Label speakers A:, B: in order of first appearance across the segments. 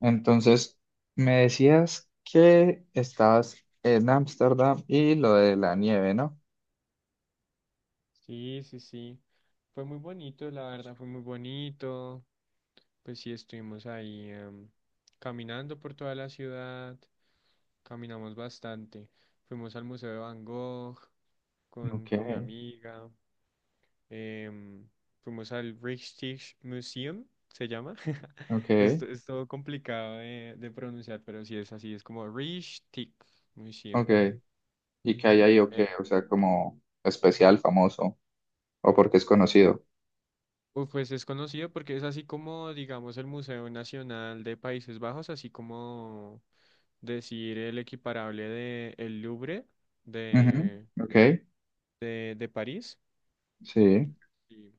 A: Entonces, me decías que estabas en Ámsterdam y lo de la nieve, ¿no?
B: Sí, sí, sí. Fue muy bonito, la verdad, fue muy bonito. Pues sí, estuvimos ahí caminando por toda la ciudad, caminamos bastante. Fuimos al Museo de Van Gogh
A: Ok,
B: con mi amiga. em, Fuimos al Rijksmuseum, Museum, se llama.
A: ok,
B: Es todo complicado de pronunciar, pero sí es así, es como Rijksmuseum.
A: ok. ¿Y qué hay ahí o qué? O sea, como especial, famoso, o porque es conocido.
B: Uf, pues es conocido porque es así como, digamos, el Museo Nacional de Países Bajos, así como decir el equiparable de el Louvre
A: Ujú,
B: de,
A: ok,
B: de París.
A: sí,
B: Sí.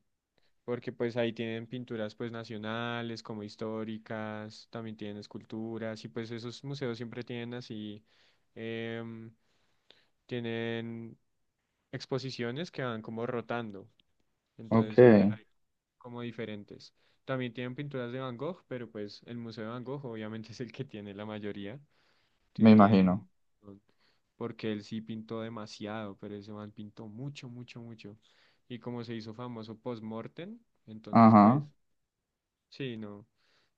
B: Porque pues ahí tienen pinturas pues nacionales, como históricas, también tienen esculturas y pues esos museos siempre tienen así, em, tienen exposiciones que van como rotando. Entonces siempre
A: ok,
B: hay como diferentes. También tienen pinturas de Van Gogh, pero pues el Museo de Van Gogh obviamente es el que tiene la mayoría.
A: me
B: Tienen un
A: imagino.
B: montón, porque él sí pintó demasiado, pero ese man pintó mucho, mucho, mucho. Y como se hizo famoso post-mortem, entonces pues,
A: Ajá.
B: sí, no,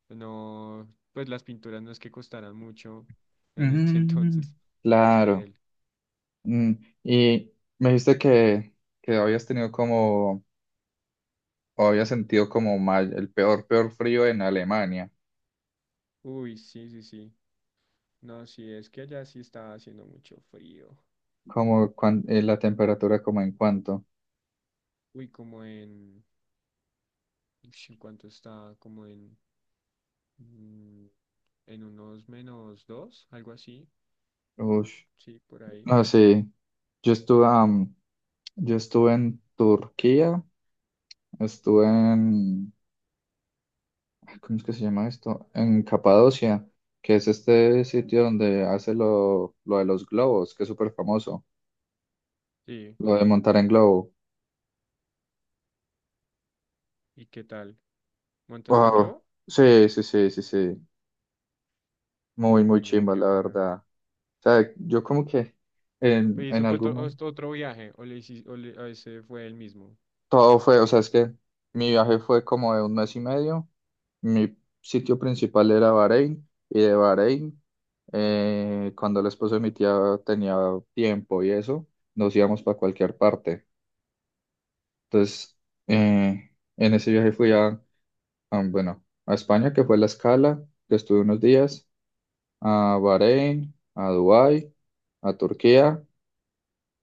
B: no, pues las pinturas no es que costaran mucho en ese
A: Mm,
B: entonces, las de
A: claro.
B: él.
A: Mm, y me dijiste que habías tenido como, o habías sentido como mal, el peor, peor frío en Alemania.
B: Uy, sí, sí, sí. No, sí, es que allá sí estaba haciendo mucho frío.
A: Como cuan- la temperatura, como en cuánto.
B: Uy, como en... Ush, ¿en cuánto está? Como en, mm, en unos menos dos, algo así.
A: Ush.
B: Sí, por ahí.
A: No, sí. Yo estuve, yo estuve en Turquía, estuve en, ay, ¿cómo es que se llama esto? En Capadocia, que es este sitio donde hace lo de los globos, que es súper famoso,
B: Sí.
A: lo de montar en globo.
B: ¿Y qué tal? ¿Montaste en
A: Wow.
B: globo?
A: Sí, sí, sí, sí, sí. Muy, muy
B: Uy, no,
A: chimba,
B: qué
A: la
B: bacano.
A: verdad. O sea, yo como que
B: ¿Y ese
A: en
B: fue
A: algún momento,
B: otro viaje? ¿O, le hici- o le- o ese fue el mismo?
A: todo fue, o sea, es que mi viaje fue como de un mes y medio. Mi sitio principal era Bahrein y de Bahrein, cuando el esposo de mi tía tenía tiempo y eso, nos íbamos para cualquier parte. Entonces, eh, en ese viaje fui a, bueno, a España, que fue la escala, que estuve unos días, a Bahrein, a Dubái, a Turquía,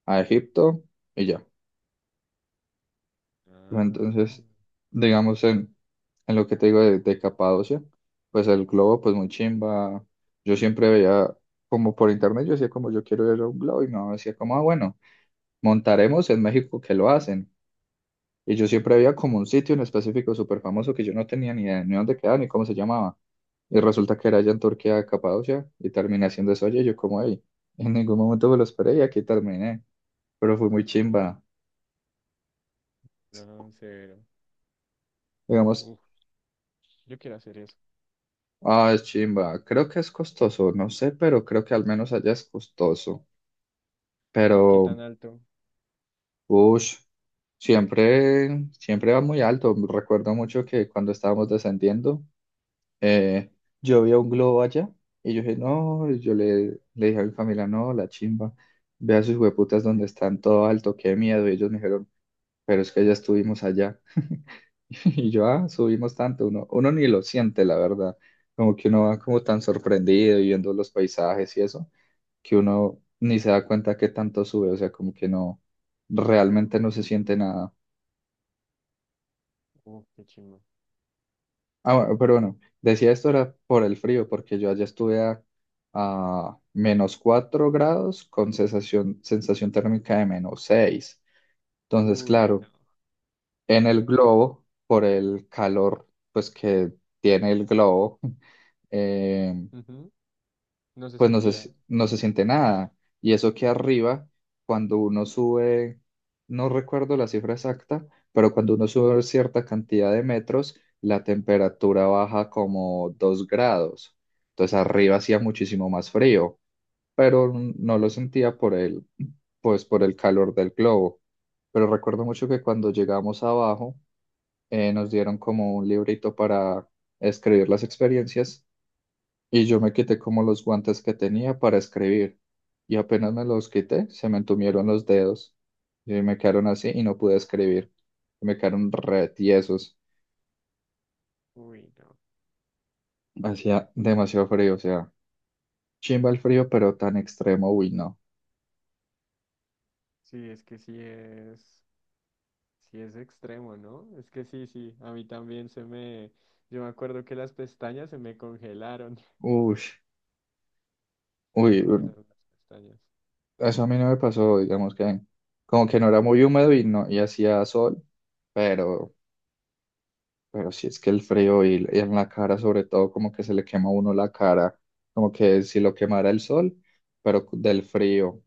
A: a Egipto y ya. ¿No?
B: Ah,
A: Entonces, digamos, en lo que te digo de Capadocia, pues el globo, pues muy chimba. Yo siempre veía, como por internet, yo decía como yo quiero ir a un globo y mi mamá decía como, ah, bueno, montaremos en México que lo hacen. Y yo siempre veía como un sitio en específico súper famoso que yo no tenía ni idea ni dónde quedaba ni cómo se llamaba. Y resulta que era allá en Turquía, Capadocia, y terminé haciendo eso allí. Y yo como, ahí en ningún momento me lo esperé y aquí terminé. Pero fue muy chimba.
B: no, severo.
A: Digamos,
B: Uf, yo quiero hacer eso.
A: ah, es chimba. Creo que es costoso, no sé, pero creo que al menos allá es costoso.
B: ¿Y qué
A: Pero,
B: tan alto?
A: uff, siempre, siempre va muy alto. Recuerdo mucho que cuando estábamos descendiendo, eh, yo vi un globo allá y yo dije, no, y yo le, le dije a mi familia, no, la chimba, ve a sus hueputas donde están todo alto, qué miedo. Y ellos me dijeron, pero es que ya estuvimos allá. Y yo, ah, subimos tanto, uno, uno ni lo siente, la verdad. Como que uno va como tan sorprendido y viendo los paisajes y eso, que uno ni se da cuenta que tanto sube, o sea, como que no, realmente no se siente nada.
B: Uf, qué chingo.
A: Ah, bueno, pero bueno, decía esto era por el frío, porque yo allá estuve a -4 grados con sensación, sensación térmica de -6. Entonces,
B: Uy, no.
A: claro, en el globo, por el calor, pues que tiene el globo.
B: Ujú, no se
A: Pues no se,
B: sentía.
A: no se siente nada. Y eso que arriba, cuando uno sube, no recuerdo la cifra exacta, pero cuando uno sube cierta cantidad de metros, la temperatura baja como 2 grados. Entonces arriba hacía muchísimo más frío, pero no lo sentía por el, pues por el calor del globo. Pero recuerdo mucho que cuando llegamos abajo, nos dieron como un librito para escribir las experiencias y yo me quité como los guantes que tenía para escribir. Y apenas me los quité, se me entumieron los dedos. Y me quedaron así y no pude escribir. Me quedaron re tiesos.
B: Uy, no.
A: Hacía demasiado frío, o sea, chimba el frío, pero tan extremo, uy, no.
B: Sí, es que sí es. Sí, es extremo, ¿no? Es que sí, sí, a mí también se me... Yo me acuerdo que las pestañas se me congelaron,
A: Uy,
B: se me
A: uy,
B: congelaron las pestañas.
A: eso a mí no me pasó, digamos que como que no era muy húmedo y no, y hacía sol, pero Pero si es que el frío y en la cara, sobre todo, como que se le quema a uno la cara, como que si lo quemara el sol, pero del frío.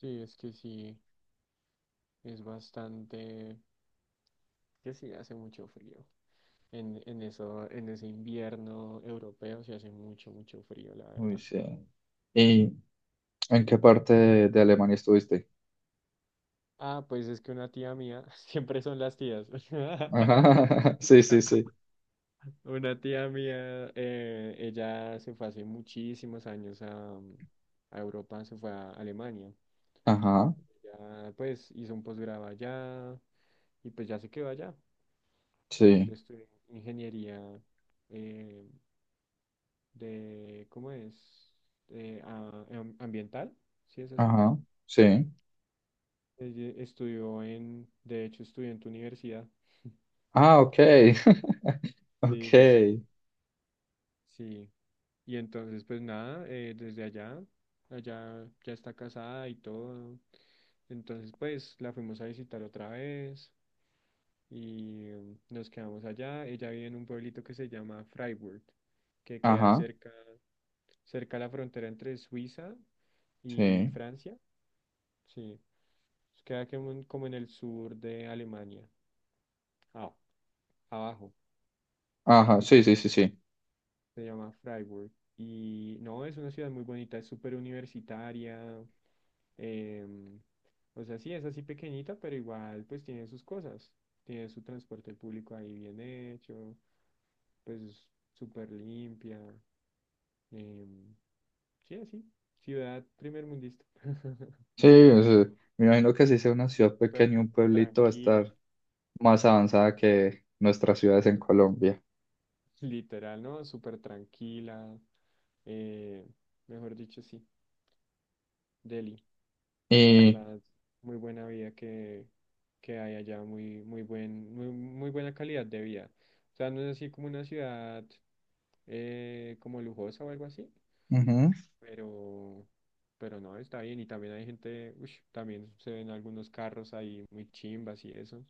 B: Sí, es que sí, es bastante... Que sí, hace mucho frío. En eso, en ese invierno europeo se hace mucho, mucho frío, la
A: Uy,
B: verdad.
A: sí. ¿Y en qué parte de Alemania estuviste?
B: Ah, pues es que una tía mía, siempre son las tías.
A: Ajá, sí, sí, sí.
B: Una tía mía, ella se fue hace muchísimos años a Europa, se fue a Alemania.
A: Ajá,
B: Ya, pues hizo un posgrado allá y pues ya se quedó allá. Ella
A: sí.
B: estudió ingeniería eh, de, ¿cómo es? Ah, ambiental, si es así.
A: Ajá, sí.
B: Ella estudió en, de hecho estudió en tu universidad.
A: Ah, ok.
B: Sí,
A: Ok.
B: sí, sí, sí. Y entonces, pues nada, desde allá, allá ya está casada y todo. Entonces, pues la fuimos a visitar otra vez y nos quedamos allá. Ella vive en un pueblito que se llama Freiburg, que queda
A: Ajá,
B: cerca, cerca a la frontera entre Suiza y
A: sí.
B: Francia. Sí, queda como en, como en el sur de Alemania, ah, abajo.
A: Ajá, sí, sí, sí, sí.
B: Se llama Freiburg. Y no, es una ciudad muy bonita, es súper universitaria. em, o sea, sí, es así pequeñita, pero igual pues tiene sus cosas. Tiene su transporte público ahí bien hecho, pues súper limpia. em, sí, así. Ciudad primer mundista.
A: Sí, o sea, me imagino que si sea una ciudad
B: Súper
A: pequeña, un pueblito va a
B: tranquila.
A: estar más avanzada que nuestras ciudades en Colombia.
B: Literal, ¿no? Súper tranquila. eh, Mejor dicho, sí. Delhi. La
A: Y
B: verdad, muy buena vida que hay allá, muy, muy buen, muy, muy buena calidad de vida. O sea, no es así como una ciudad como lujosa o algo así,
A: ujú,
B: pero, pero no, está bien. Y también hay gente, ush, también se ven algunos carros ahí muy chimbas y eso.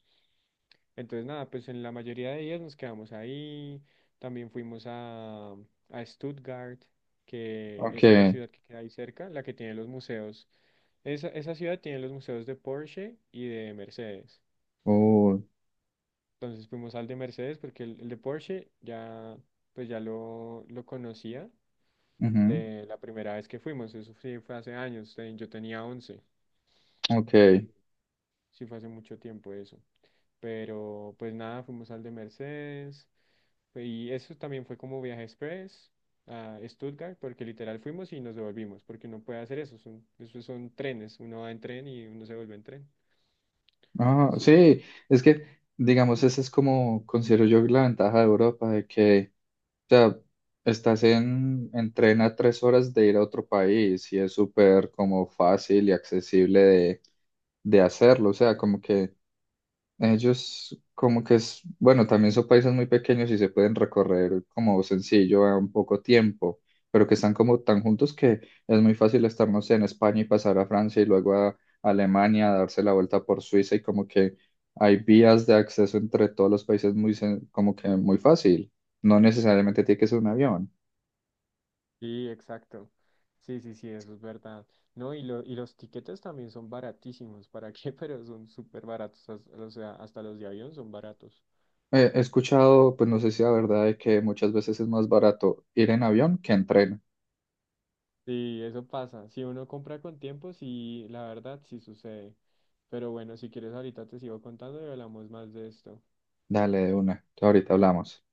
B: Entonces, nada, pues en la mayoría de días nos quedamos ahí. También fuimos a Stuttgart, que es una
A: okay.
B: ciudad que queda ahí cerca, la que tiene los museos. Esa ciudad tiene los museos de Porsche y de Mercedes.
A: Oh,
B: Entonces fuimos al de Mercedes porque el de Porsche ya, pues ya lo conocía
A: ujú,
B: de la primera vez que fuimos. Eso sí fue hace años. Yo tenía 11.
A: okay.
B: Sí fue hace mucho tiempo eso. Pero pues nada, fuimos al de Mercedes. Y eso también fue como viaje express a Stuttgart porque literal fuimos y nos devolvimos porque uno puede hacer eso. Son, esos son trenes. Uno va en tren y uno se vuelve en tren.
A: Ah,
B: Sí.
A: sí, es que, digamos, esa es como considero yo la ventaja de Europa, de que, o sea, estás en tren a 3 horas de ir a otro país y es súper como fácil y accesible de hacerlo. O sea, como que ellos como que es, bueno, también son países muy pequeños y se pueden recorrer como sencillo a un poco tiempo, pero que están como tan juntos que es muy fácil estar, no sé, en España y pasar a Francia y luego a Alemania, darse la vuelta por Suiza y como que hay vías de acceso entre todos los países muy, como que muy fácil. No necesariamente tiene que ser un avión.
B: Sí, exacto. Sí, sí, sí, eso es verdad. No, y, lo, y los tiquetes también son baratísimos. ¿Para qué? Pero son súper baratos. O sea, hasta los de avión son baratos.
A: He escuchado,
B: Sí.
A: pues no sé si la verdad, de que muchas veces es más barato ir en avión que en tren.
B: Sí, eso pasa. Si uno compra con tiempo, sí, la verdad, sí sucede. Pero bueno, si quieres, ahorita te sigo contando y hablamos más de esto.
A: Dale, de una, ahorita hablamos.